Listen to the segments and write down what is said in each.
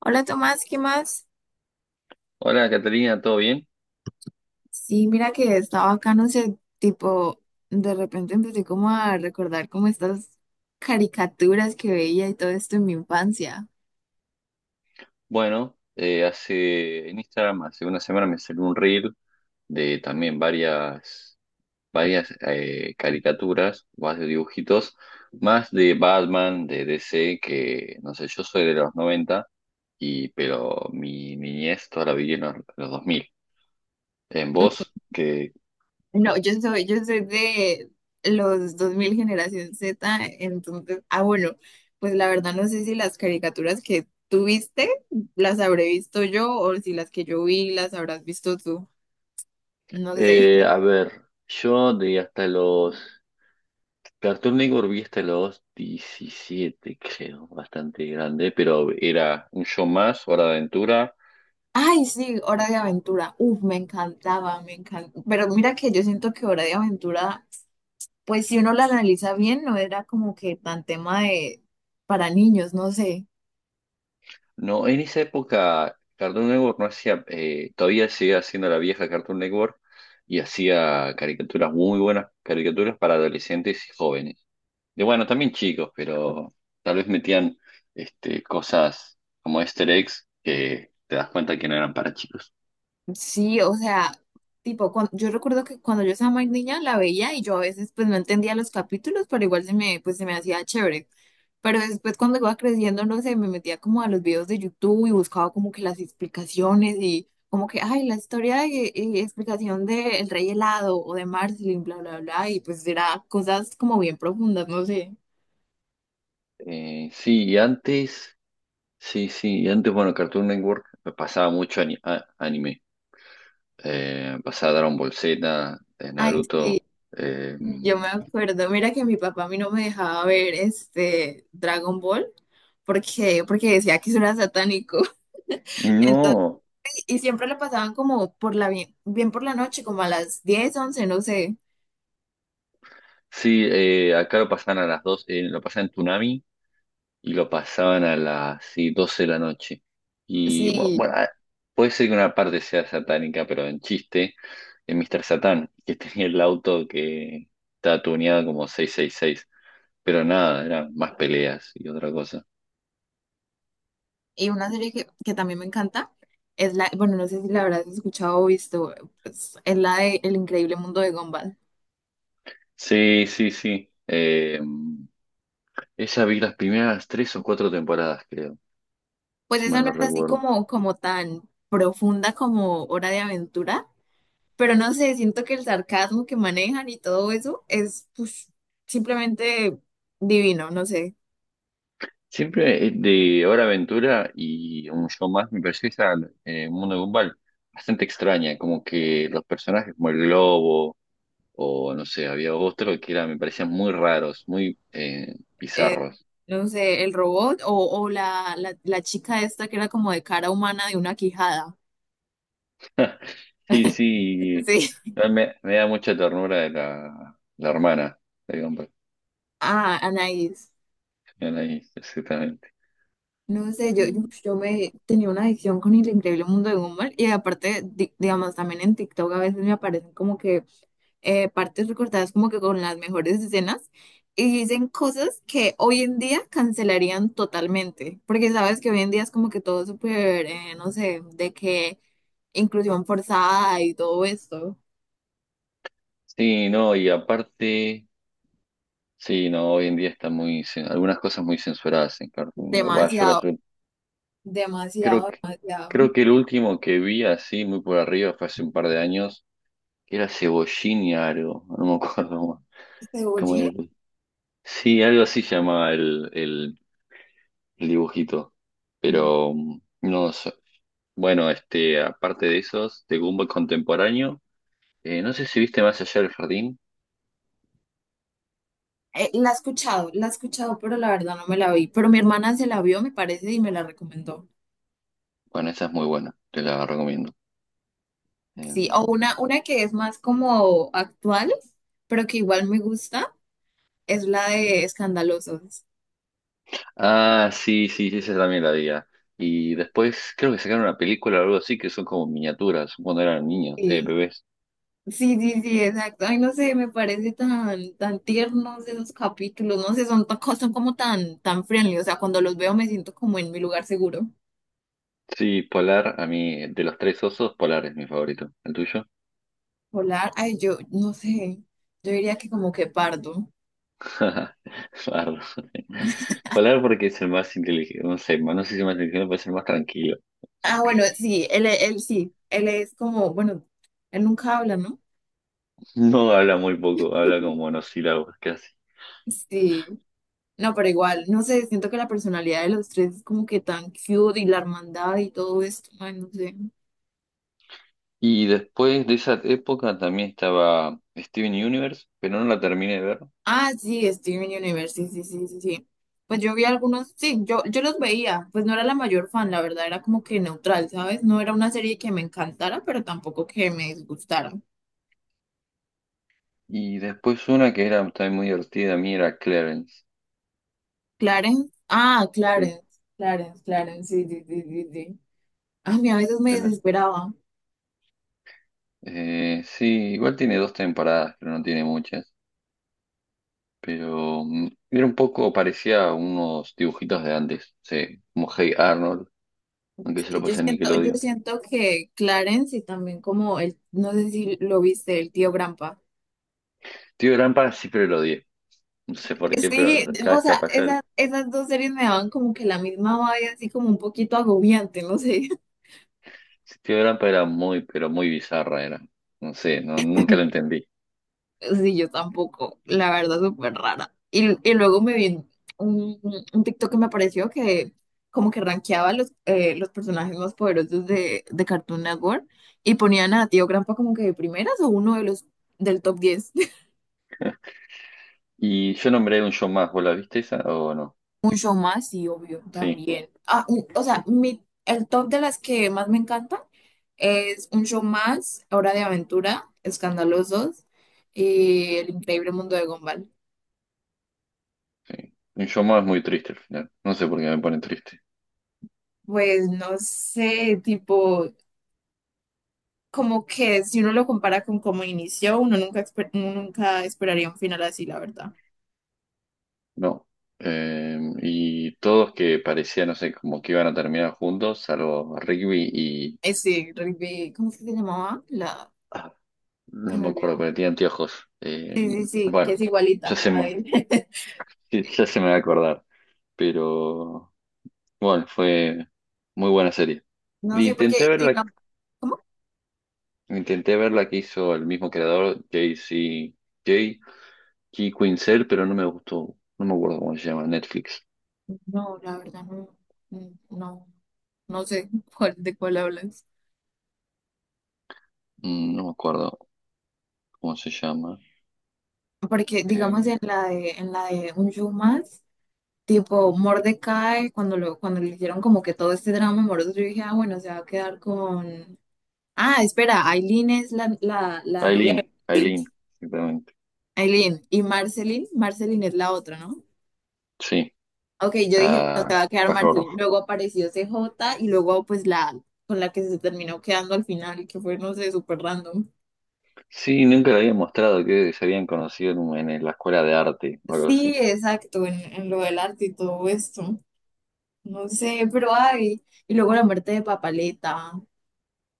Hola Tomás, ¿qué más? Hola, Catalina, ¿todo bien? Sí, mira que estaba acá, no sé, tipo, de repente empecé como a recordar como estas caricaturas que veía y todo esto en mi infancia. Bueno, hace en Instagram, hace una semana me salió un reel de también varias caricaturas, más de dibujitos, más de Batman, de DC, que no sé, yo soy de los 90 pero mi niñez toda la viví en los 2000. En vos, que... No, yo soy de los dos mil, generación Z, entonces, ah, bueno, pues la verdad no sé si las caricaturas que tú viste las habré visto yo, o si las que yo vi las habrás visto tú, no sé. A ver, yo de hasta los Cartoon Network vi hasta los 17, creo, bastante grande, pero era un show más, Hora de Aventura. Ay, sí, Hora de Aventura. Uf, me encantaba, me encantaba. Pero mira que yo siento que Hora de Aventura, pues si uno la analiza bien, no era como que tan tema de para niños, no sé. No, en esa época Cartoon Network no hacía, todavía seguía haciendo la vieja Cartoon Network y hacía caricaturas muy buenas, caricaturas para adolescentes y jóvenes. De bueno, también chicos, pero tal vez metían este, cosas como Easter eggs que te das cuenta que no eran para chicos. Sí, o sea, tipo, yo recuerdo que cuando yo estaba más niña la veía, y yo a veces pues no entendía los capítulos, pero igual se me, pues, se me hacía chévere. Pero después cuando iba creciendo, no sé, me metía como a los videos de YouTube y buscaba como que las explicaciones, y como que, ay, y explicación de El Rey Helado o de Marceline, bla, bla, bla, y pues era cosas como bien profundas, no sé. Sí, y antes. Sí, sí, y antes, bueno, Cartoon Network pasaba mucho anime. Pasaba Dragon Ball Z, Ay, sí, Naruto. eh, yo me acuerdo, mira que mi papá a mí no me dejaba ver este Dragon Ball, porque decía que eso era satánico. Entonces, no, y siempre lo pasaban como por la bien, bien por la noche, como a las 10 once, no sé. sí, acá lo pasaban a las 2. Lo pasaban en Toonami y lo pasaban a las, sí, 12 de la noche. Y bueno, Sí, bueno, ah, puede ser que una parte sea satánica, pero en chiste, en Mr. Satán, que tenía el auto que estaba tuneado como 666. Pero nada, eran más peleas y otra cosa. y una serie que también me encanta es la, bueno, no sé si la habrás escuchado o visto, pues, es la de El Increíble Mundo de Gumball. Sí, sí, sí. Esa vi las primeras tres o cuatro temporadas, creo, Pues si esa mal no no es así recuerdo. como, como tan profunda como Hora de Aventura, pero no sé, siento que el sarcasmo que manejan y todo eso es, pues, simplemente divino, no sé. Siempre, de Hora Aventura y un show más me pareció esa, Mundo de Gumball, bastante extraña, como que los personajes como el globo, o no sé, había otro que era, me parecían muy raros, muy, eh, bizarros. no sé, el robot, o o la chica esta que era como de cara humana, de una quijada. Sí, sí, Sí. no, me da mucha ternura de la hermana de Gumball. Ah, Anaís. Ahí, exactamente. No sé, yo, yo, Em, yo me tenía una adicción con El Increíble Mundo de Gumball, y aparte, digamos, también en TikTok a veces me aparecen como que partes recortadas como que con las mejores escenas, y dicen cosas que hoy en día cancelarían totalmente, porque sabes que hoy en día es como que todo súper, no sé, de que inclusión forzada y todo esto. Sí, no, y aparte, sí, no, hoy en día están muy, algunas cosas muy censuradas en Cartoon Network. Va, Demasiado, creo demasiado, que, demasiado. creo que el último que vi así, muy por arriba, fue hace un par de años, que era Cebollín y algo, no me acuerdo cómo Cebollín. era. Sí, algo así llamaba el dibujito, Mm. pero no sé. Bueno, este, aparte de esos, de Gumball contemporáneo, no sé si viste Más allá del jardín, La he escuchado, pero la verdad no me la vi. Pero mi hermana se la vio, me parece, y me la recomendó. bueno, esa es muy buena, te la recomiendo. Sí, o Em, una que es más como actual, pero que igual me gusta, es la de Escandalosos. Ah, sí, sí, sí, esa también la había. Y después creo que sacaron una película o algo así que son como miniaturas, cuando eran niños, Sí, bebés. sí, sí, sí, exacto. Ay, no sé, me parece tan, tan tiernos esos capítulos, no sé, son, son como tan, tan friendly. O sea, cuando los veo me siento como en mi lugar seguro. Sí, Polar, a mí, de los tres osos, Polar es mi favorito. ¿El tuyo? Polar, ay, yo no sé, yo diría que como que pardo. Bardo. Polar porque es el más inteligente, no sé, no sé si el más inteligente, pero es el más tranquilo. Ah, Ok. bueno, sí, él sí, él es como, bueno, él nunca habla, ¿no? No habla muy poco, habla con monosílabos casi. Sí, no, pero igual, no sé, siento que la personalidad de los tres es como que tan cute, y la hermandad y todo esto, ay, no sé. Y después de esa época también estaba Steven Universe, pero no la terminé de ver. Ah, sí, Steven Universe, sí, sí, sí, sí, sí. Pues yo vi algunos, sí, yo los veía, pues no era la mayor fan, la verdad, era como que neutral, ¿sabes? No era una serie que me encantara, pero tampoco que me disgustara. Y después una que era también muy divertida a mí era Clarence. Clarence, ah, Sí, Clarence, Clarence, Clarence, sí, sí, sí, sí, sí. A mí a veces me pero, desesperaba. Sí, igual tiene dos temporadas, pero no tiene muchas. Pero era un poco, parecía a unos dibujitos de antes. Sí, como Hey Arnold, aunque yo Y lo yo pasé en siento, yo Nickelodeon. siento que Clarence y también como el, no sé si lo viste, el tío Grampa. Tío de siempre lo odié. No sé por qué, pero Sí, cada o vez sea, que pasaba esas, el, esas dos series me daban como que la misma vaya, así como un poquito agobiante, no sé. sí, Tío de era muy, pero muy bizarra era. No sé, no, nunca lo entendí. Sí, yo tampoco, la verdad, súper rara. Y luego me vi un, un TikTok que me apareció, que como que rankeaba los personajes más poderosos de Cartoon Network, y ponían a Tío Grampa como que de primeras, o uno de los del top 10. Y yo nombré un show más, ¿vos la viste esa o no? Un show más, sí, obvio, Sí. también. Ah, o sea, mi, el top de las que más me encantan es Un Show Más, Hora de Aventura, Escandalosos y El Increíble Mundo de Gumball. Sí. Inshouma es muy triste al final. No sé por qué me pone triste. Pues no sé, tipo... como que si uno lo compara con cómo inició, uno nunca, uno nunca esperaría un final así, la verdad. No. Y todos que parecían, no sé, como que iban a terminar juntos, salvo Rigby y... Ese rugby, ¿cómo es que se llamaba? La, ah, se no me me acuerdo, olvidó. pero tenía anteojos. Sí, sí, sí, que Bueno, es ya igualita. se A me, ver. sí, ya se me va a acordar. Pero bueno, fue muy buena serie. No Y sé, intenté porque, ver la, digamos, ¿cómo? intenté ver la que hizo el mismo creador, J.C. J. K. Quinzel, pero no me gustó. No me acuerdo cómo se llama, Netflix. No, la verdad, no, no, no, no sé cuál, de cuál hablas. No me acuerdo. ¿Cómo se llama? Porque, Eh, digamos, en la de Un Show Más, tipo Mordecai, cuando lo, cuando le hicieron como que todo este drama amoroso, yo dije, ah, bueno, se va a quedar con... Ah, espera, Aileen es la novia de, Aileen, Aileen, sí. exactamente. Aileen y Marceline, Marceline es la otra, ¿no? Sí, Ok, yo dije, bueno, se la va a quedar pájaro Marceline. rojo. Luego apareció CJ, y luego pues la, con la que se terminó quedando al final, que fue, no sé, súper random. Sí, nunca la había mostrado, que se habían conocido en, en la escuela de arte o algo Sí, así. exacto, en lo del arte y todo esto. No sé, pero ay. Y luego la muerte de Papaleta.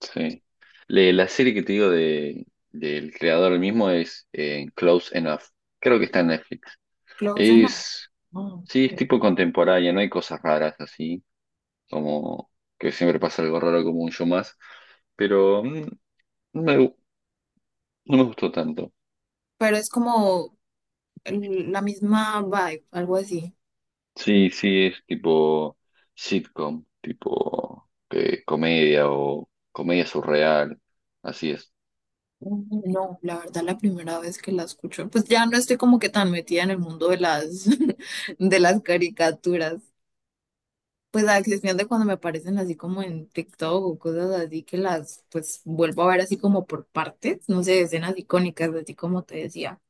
Sí. La serie que te digo de, del creador mismo es, Close Enough. Creo que está en Netflix. Claudia no. Es, No. sí, es tipo contemporánea, no hay cosas raras así, como que siempre pasa algo raro como un show más, pero no me, no me gustó tanto. Pero es como la misma vibe, algo así. Sí, sí, es tipo sitcom, tipo, comedia o comedia surreal. Así es. Mm. No, la verdad, la primera vez que la escucho, pues ya no estoy como que tan metida en el mundo de las, de las caricaturas. Pues a excepción de cuando me aparecen así como en TikTok o cosas así, que las, pues vuelvo a ver así como por partes, no sé, escenas icónicas, así como te decía.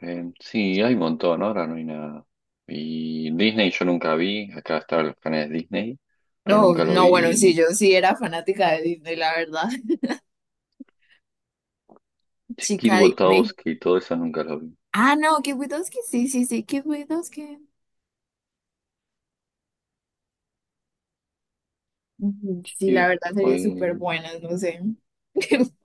Sí, hay un montón, ahora no hay nada. Y Disney yo nunca vi, acá estaban los canales de Disney, pero No, nunca lo no, bueno, vi, y sí, ni yo sí era fanática de Disney, la verdad. Kid Chica Disney. Botowski y todo eso nunca lo vi. Ah, no, Kid Widoski, sí, sí, sí, Kid Widoski. Ujú. Sí, Y la verdad, sería después, súper ni, buenas, no sé.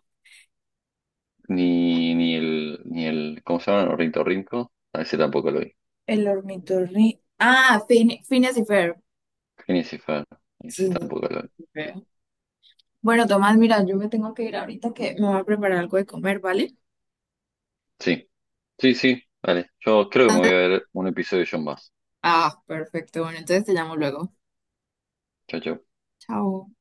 ni el, ni el, ¿cómo se llama? Ornitorrinco, a ese tampoco lo vi. El ornitorrinco. Ah, Fin, Phineas y Ferb. Phineas y Ferb, Sí, ese tampoco lo vi. ni... Bueno, Tomás, mira, yo me tengo que ir ahorita, que me voy a preparar algo de comer, ¿vale? Sí. Sí, sí, vale. Yo creo que me voy a ver un episodio yo más. Ah, perfecto. Bueno, entonces te llamo luego. Chao, chao. Chao.